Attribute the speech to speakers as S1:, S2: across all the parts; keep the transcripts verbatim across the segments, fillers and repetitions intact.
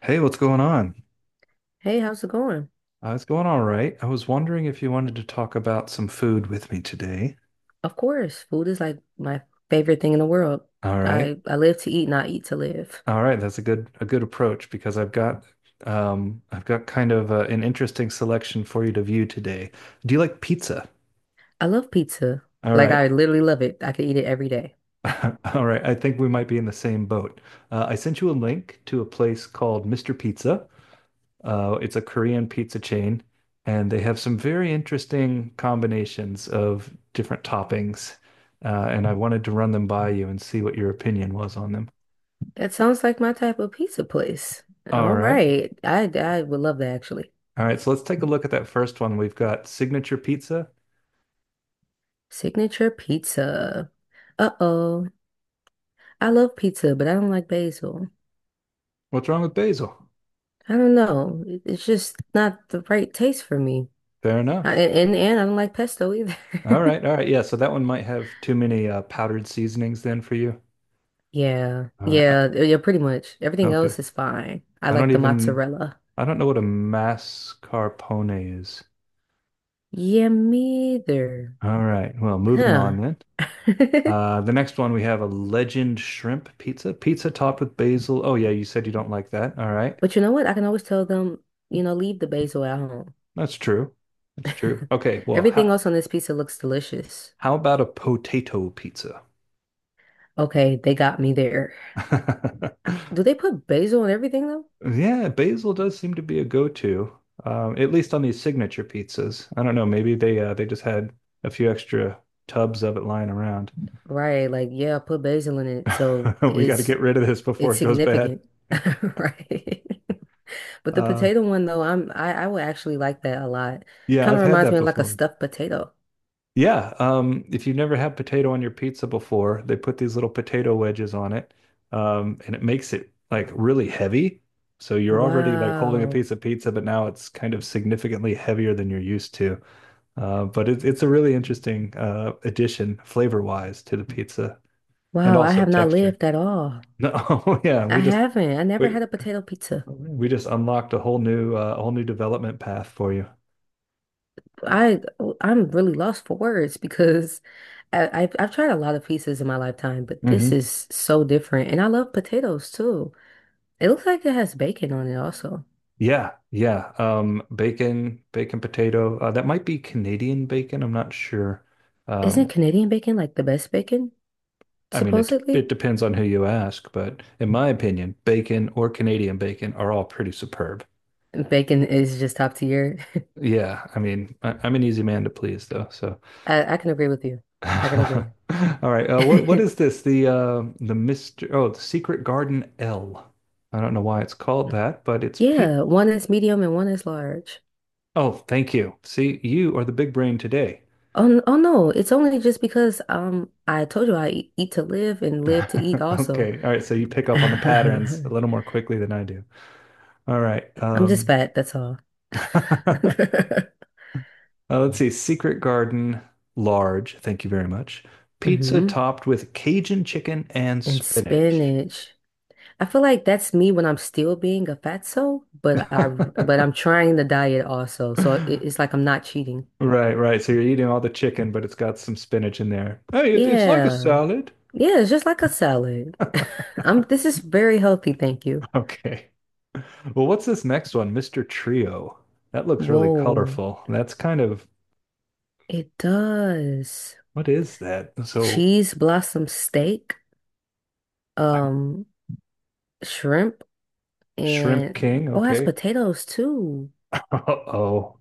S1: Hey, what's going on?
S2: Hey, how's it going?
S1: Uh, it's going all right. I was wondering if you wanted to talk about some food with me today.
S2: Of course, food is like my favorite thing in the world.
S1: All right.
S2: I I live to eat and I eat to live.
S1: All right, that's a good a good approach because I've got um I've got kind of uh, an interesting selection for you to view today. Do you like pizza?
S2: I love pizza.
S1: All
S2: Like
S1: right.
S2: I literally love it. I could eat it every day.
S1: All right. I think we might be in the same boat. Uh, I sent you a link to a place called mister Pizza. Uh, it's a Korean pizza chain, and they have some very interesting combinations of different toppings. Uh, and I wanted to run them by you and see what your opinion was on them.
S2: That sounds like my type of pizza place.
S1: All
S2: All
S1: right.
S2: right. I I would love that actually.
S1: All right. So let's take a look at that first one. We've got signature pizza.
S2: Signature pizza. Uh-oh. I love pizza, but I don't like basil.
S1: What's wrong with basil?
S2: I don't know. It- It's just not the right taste for me.
S1: Fair
S2: I,
S1: enough.
S2: and and I don't like pesto either.
S1: All right. All right. Yeah. So that one might have too many uh, powdered seasonings then for you.
S2: Yeah,
S1: All right. Uh,
S2: yeah, yeah, pretty much. Everything
S1: okay.
S2: else is fine. I
S1: I don't
S2: like the
S1: even,
S2: mozzarella.
S1: I don't know what a mascarpone is.
S2: Yeah, me either.
S1: All right. Well, moving
S2: Huh.
S1: on then. Uh, the next one we have a legend shrimp pizza. Pizza topped with basil. Oh yeah, you said you don't like that. All right.
S2: But you know what? I can always tell them, you know, leave the basil at home.
S1: That's true. That's true. Okay, well,
S2: Everything
S1: how
S2: else on this pizza looks delicious.
S1: how about a potato pizza?
S2: Okay, they got me there. Do they put basil in everything though?
S1: Yeah, basil does seem to be a go-to, um, at least on these signature pizzas. I don't know, maybe they uh, they just had a few extra tubs of it lying around.
S2: Right, like yeah, put basil in it, so
S1: We got to
S2: it's
S1: get rid of this before
S2: it's
S1: it goes bad.
S2: significant. Right. But the
S1: Uh,
S2: potato one though, I'm I, I would actually like that a lot.
S1: yeah,
S2: Kind
S1: I've
S2: of
S1: had
S2: reminds me
S1: that
S2: of like a
S1: before.
S2: stuffed potato.
S1: Yeah, um, if you've never had potato on your pizza before, they put these little potato wedges on it, um, and it makes it like really heavy. So you're already like holding a
S2: Wow.
S1: piece of pizza, but now it's kind of significantly heavier than you're used to. Uh, but it's it's a really interesting uh, addition flavor-wise to the pizza and
S2: Wow, I
S1: also
S2: have not
S1: texture.
S2: lived at all.
S1: No, yeah,
S2: I
S1: we just
S2: haven't. I never
S1: we
S2: had a potato pizza.
S1: we just unlocked a whole new uh, whole new development path for you.
S2: I I'm really lost for words because I, I've I've tried a lot of pizzas in my lifetime, but this is so different. And I love potatoes too. It looks like it has bacon on it also.
S1: Yeah, yeah. Um, bacon, bacon potato. Uh, that might be Canadian bacon. I'm not sure.
S2: Isn't
S1: Um,
S2: Canadian bacon like the best bacon,
S1: I mean, it
S2: supposedly?
S1: it depends on who you ask, but in my opinion, bacon or Canadian bacon are all pretty superb.
S2: Bacon is just top tier.
S1: Yeah, I mean, I, I'm an easy man to please, though. So,
S2: I, I can agree with you. I can
S1: all
S2: agree.
S1: right. Uh, what what is this? The uh, the mister Oh, the Secret Garden L. I don't know why it's called that, but it's Pete.
S2: Yeah, one is medium and one is large.
S1: Oh, thank you. See, you are the big brain today.
S2: Oh, n- oh no, it's only just because um I told you I eat, eat to live and live to eat also.
S1: Okay. All right. So you pick up on the patterns a
S2: I'm
S1: little more quickly than I do. All right.
S2: just
S1: Um,
S2: fat, that's all.
S1: uh, let's see. Secret Garden, large. Thank you very much. Pizza
S2: Hmm.
S1: topped with Cajun chicken and
S2: And
S1: spinach.
S2: spinach. I feel like that's me when I'm still being a fatso, but I but I'm trying the diet also, so it, it's like I'm not cheating.
S1: Right, right. So you're eating all the chicken, but it's got some spinach in there. Hey, it, it's like a
S2: Yeah.
S1: salad.
S2: Yeah, it's just like a salad. I'm This is very healthy, thank you.
S1: Okay. Well, what's this next one? mister Trio. That looks really
S2: Whoa,
S1: colorful. That's kind of
S2: it does.
S1: what is that? So
S2: Cheese blossom steak,
S1: I
S2: um, shrimp,
S1: Shrimp
S2: and
S1: King.
S2: oh, it has
S1: Okay.
S2: potatoes too.
S1: Uh-oh.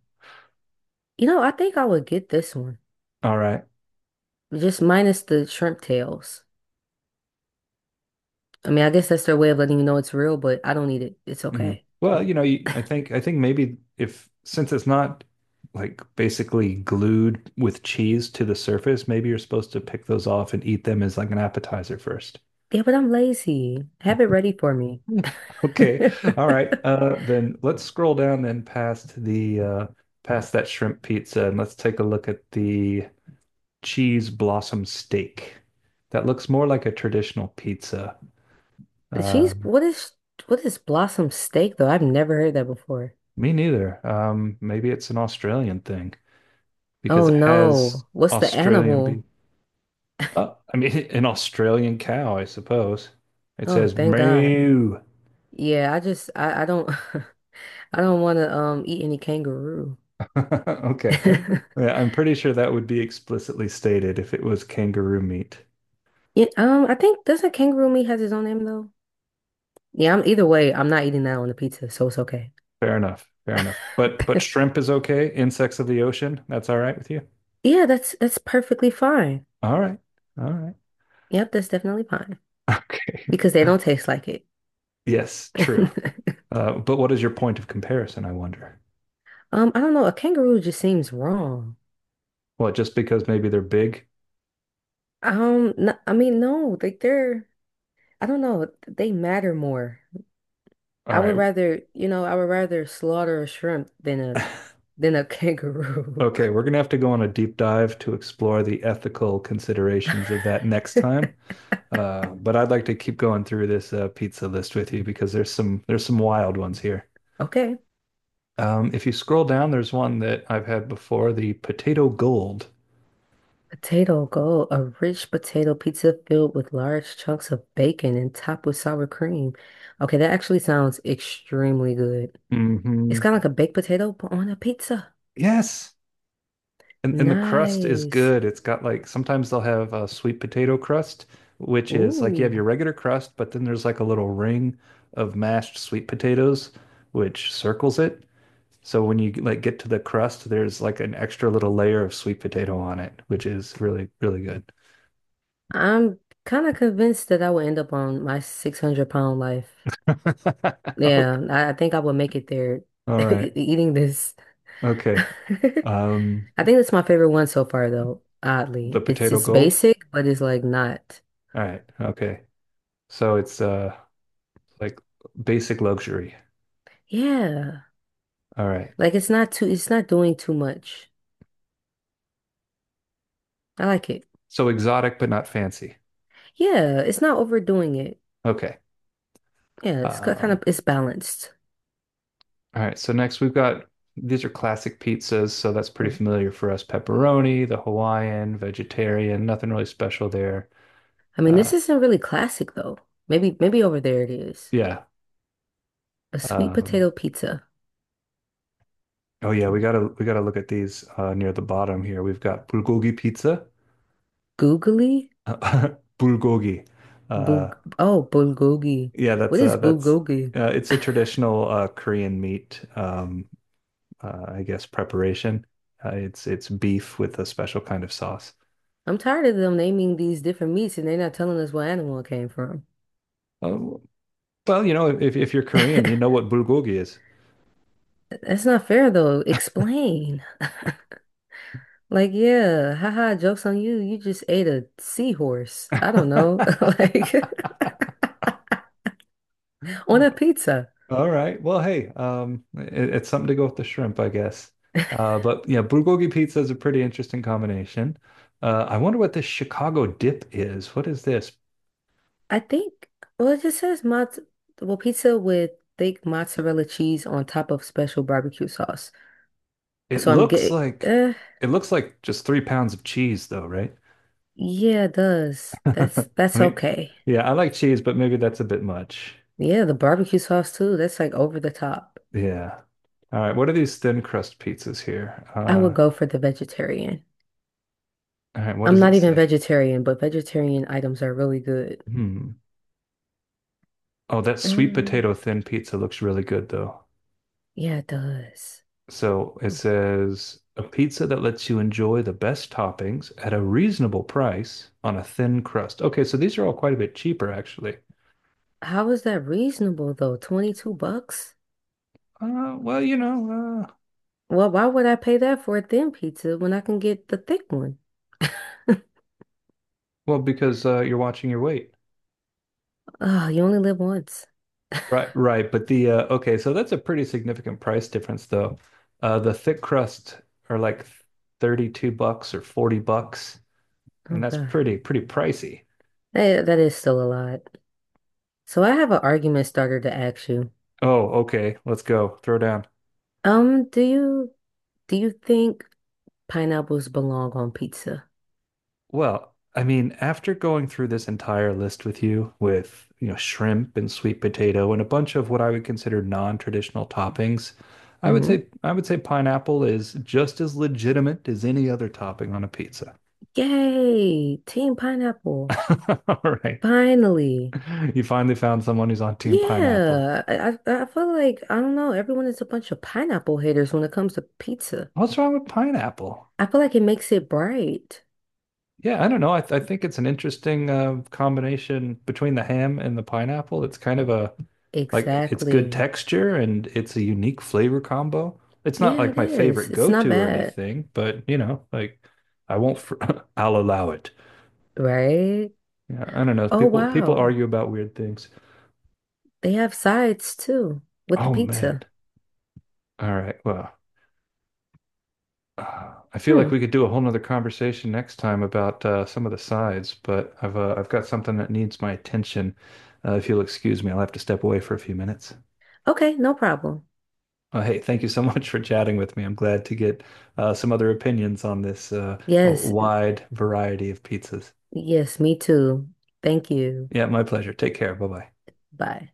S2: You know, I think I would get this one,
S1: All right.
S2: just minus the shrimp tails. I mean, I guess that's their way of letting you know it's real, but I don't need it. It's
S1: Mm.
S2: okay.
S1: Well, you know, you, I think I think maybe if since it's not like basically glued with cheese to the surface, maybe you're supposed to pick those off and eat them as like an appetizer first.
S2: Yeah, but I'm lazy. Have it ready for me.
S1: Okay. All right. Uh, then let's scroll down then past the uh, past that shrimp pizza and let's take a look at the cheese blossom steak. That looks more like a traditional pizza.
S2: The cheese,
S1: Um,
S2: what is what is blossom steak though? I've never heard that before.
S1: Me neither. Um, maybe it's an Australian thing because
S2: Oh
S1: it has
S2: no, what's the
S1: Australian beef.
S2: animal?
S1: Uh, I mean, an Australian cow, I suppose. It
S2: Oh,
S1: says
S2: thank God.
S1: moo.
S2: Yeah, I just I, I don't I don't want to um eat any kangaroo.
S1: Okay. Yeah, I'm pretty sure that would be explicitly stated if it was kangaroo meat.
S2: Yeah, um, I think doesn't kangaroo meat has its own name though? Yeah, I'm either way, I'm not eating that on the pizza, so it's okay.
S1: Fair enough. Fair enough. But but shrimp is okay. Insects of the ocean, that's all right with you.
S2: Yeah, that's that's perfectly fine.
S1: All right. All right.
S2: Yep, that's definitely fine
S1: Okay.
S2: because they don't taste like it.
S1: Yes, true. Uh, but what is your point of comparison, I wonder?
S2: Um, I don't know, a kangaroo just seems wrong.
S1: Well, just because maybe they're big?
S2: Um, n I I mean, no, like they're, I don't know, they matter more.
S1: All
S2: I
S1: right.
S2: would rather, you know, I would rather slaughter a shrimp than a than a kangaroo.
S1: Okay, we're gonna have to go on a deep dive to explore the ethical considerations of that next time. Uh, but I'd like to keep going through this uh, pizza list with you because there's some there's some wild ones here.
S2: Okay.
S1: Um, if you scroll down, there's one that I've had before, the potato gold.
S2: Potato Gold, a rich potato pizza filled with large chunks of bacon and topped with sour cream. Okay, that actually sounds extremely good. It's
S1: Hmm.
S2: kind of like a baked potato, but on a pizza.
S1: Yes, and and the crust is
S2: Nice.
S1: good. It's got like sometimes they'll have a sweet potato crust, which is like you have
S2: Ooh,
S1: your regular crust, but then there's like a little ring of mashed sweet potatoes, which circles it. So when you like get to the crust, there's like an extra little layer of sweet potato on it, which is really, really good.
S2: I'm kind of convinced that I will end up on my six hundred pound life. Yeah,
S1: Okay.
S2: I, I think I will make it there
S1: All
S2: e-
S1: right.
S2: eating this.
S1: Okay. Um,
S2: I think that's my favorite one so far, though,
S1: the
S2: oddly. It's
S1: potato
S2: it's
S1: gold.
S2: basic, but it's like not.
S1: All right. Okay. So it's uh like basic luxury.
S2: Yeah.
S1: All right.
S2: Like it's not too, it's not doing too much. I like it.
S1: So exotic but not fancy.
S2: Yeah, it's not overdoing it.
S1: Okay.
S2: Yeah, it's kind
S1: Um,
S2: of it's balanced.
S1: all right. So next we've got these are classic pizzas, so that's pretty
S2: Mm.
S1: familiar for us. Pepperoni, the Hawaiian, vegetarian, nothing really special there.
S2: I mean,
S1: Uh,
S2: this isn't really classic though. Maybe maybe over there it is.
S1: yeah.
S2: A sweet
S1: Um,
S2: potato pizza.
S1: Oh yeah, we gotta we gotta look at these uh, near the bottom here. We've got bulgogi pizza,
S2: Googly?
S1: bulgogi. Uh,
S2: Bug oh, bulgogi.
S1: yeah,
S2: What
S1: that's
S2: is
S1: uh, that's
S2: bulgogi?
S1: uh, it's a traditional uh, Korean meat, um, uh, I guess preparation. Uh, it's it's beef with a special kind of sauce.
S2: I'm tired of them naming these different meats and they're not telling us what animal it came from.
S1: Uh, well, you know, if if you're Korean, you know what bulgogi is.
S2: That's not fair though. Explain. Like, yeah, haha, joke's on you. You just ate a seahorse. I don't know. Like On a pizza.
S1: All right. Well, hey, um, it, it's something to go with the shrimp, I guess. Uh, but yeah, bulgogi pizza is a pretty interesting combination. Uh, I wonder what this Chicago dip is. What is this?
S2: I think, well, it just says mozz well, pizza with thick mozzarella cheese on top of special barbecue sauce.
S1: It
S2: So I'm
S1: looks
S2: getting,
S1: like
S2: uh,
S1: it looks like just three pounds of cheese, though, right?
S2: yeah, it does.
S1: I
S2: That's that's
S1: mean,
S2: okay.
S1: yeah, I like cheese, but maybe that's a bit much.
S2: Yeah, the barbecue sauce too. That's like over the top.
S1: Yeah. All right. What are these thin crust pizzas here?
S2: I would
S1: Uh,
S2: go for the vegetarian.
S1: all right. What
S2: I'm
S1: does
S2: not
S1: it
S2: even
S1: say?
S2: vegetarian, but vegetarian items are really good.
S1: Hmm. Oh, that sweet
S2: Um,
S1: potato thin pizza looks really good, though.
S2: yeah, it does.
S1: So it says a pizza that lets you enjoy the best toppings at a reasonable price on a thin crust. Okay, so these are all quite a bit cheaper, actually.
S2: How is that reasonable though? twenty-two bucks?
S1: Uh, well, you know, uh,
S2: Well, why would I pay that for a thin pizza when I can get the thick one?
S1: well, because uh, you're watching your weight.
S2: Oh, you only live once.
S1: Right, right. But the uh, okay, so that's a pretty significant price difference, though. Uh, the thick crust are like thirty-two bucks or forty bucks,
S2: Oh
S1: and that's
S2: God.
S1: pretty, pretty pricey.
S2: That, that is still a lot. So I have an argument starter to ask you.
S1: Oh, okay, let's go. Throw down.
S2: Um, do you do you think pineapples belong on pizza?
S1: Well, I mean, after going through this entire list with you, with, you know, shrimp and sweet potato and a bunch of what I would consider non-traditional toppings, I would
S2: Mm-hmm.
S1: say I would say pineapple is just as legitimate as any other topping on a pizza.
S2: Yay, Team Pineapple.
S1: All right.
S2: Finally.
S1: You finally found someone who's on team pineapple.
S2: Yeah. I, I I feel like I don't know, everyone is a bunch of pineapple haters when it comes to pizza.
S1: What's wrong with pineapple?
S2: I feel like it makes it bright.
S1: Yeah, I don't know. I, th I think it's an interesting uh, combination between the ham and the pineapple. It's kind of a like it's good
S2: Exactly.
S1: texture and it's a unique flavor combo. It's not
S2: Yeah,
S1: like
S2: it
S1: my
S2: is.
S1: favorite
S2: It's not
S1: go-to or
S2: bad,
S1: anything, but you know, like I won't fr I'll allow it.
S2: right?
S1: Yeah, I don't know.
S2: Oh
S1: People people
S2: wow.
S1: argue about weird things.
S2: They have sides too with the
S1: Oh man.
S2: pizza.
S1: All right. Well. uh, I feel like
S2: Hmm.
S1: we could do a whole nother conversation next time about uh, some of the sides, but I've uh, I've got something that needs my attention. Uh, if you'll excuse me, I'll have to step away for a few minutes.
S2: Okay, no problem.
S1: Uh, hey, thank you so much for chatting with me. I'm glad to get uh, some other opinions on this uh,
S2: Yes,
S1: wide variety of pizzas.
S2: yes, me too. Thank you.
S1: Yeah, my pleasure. Take care. Bye bye.
S2: Bye.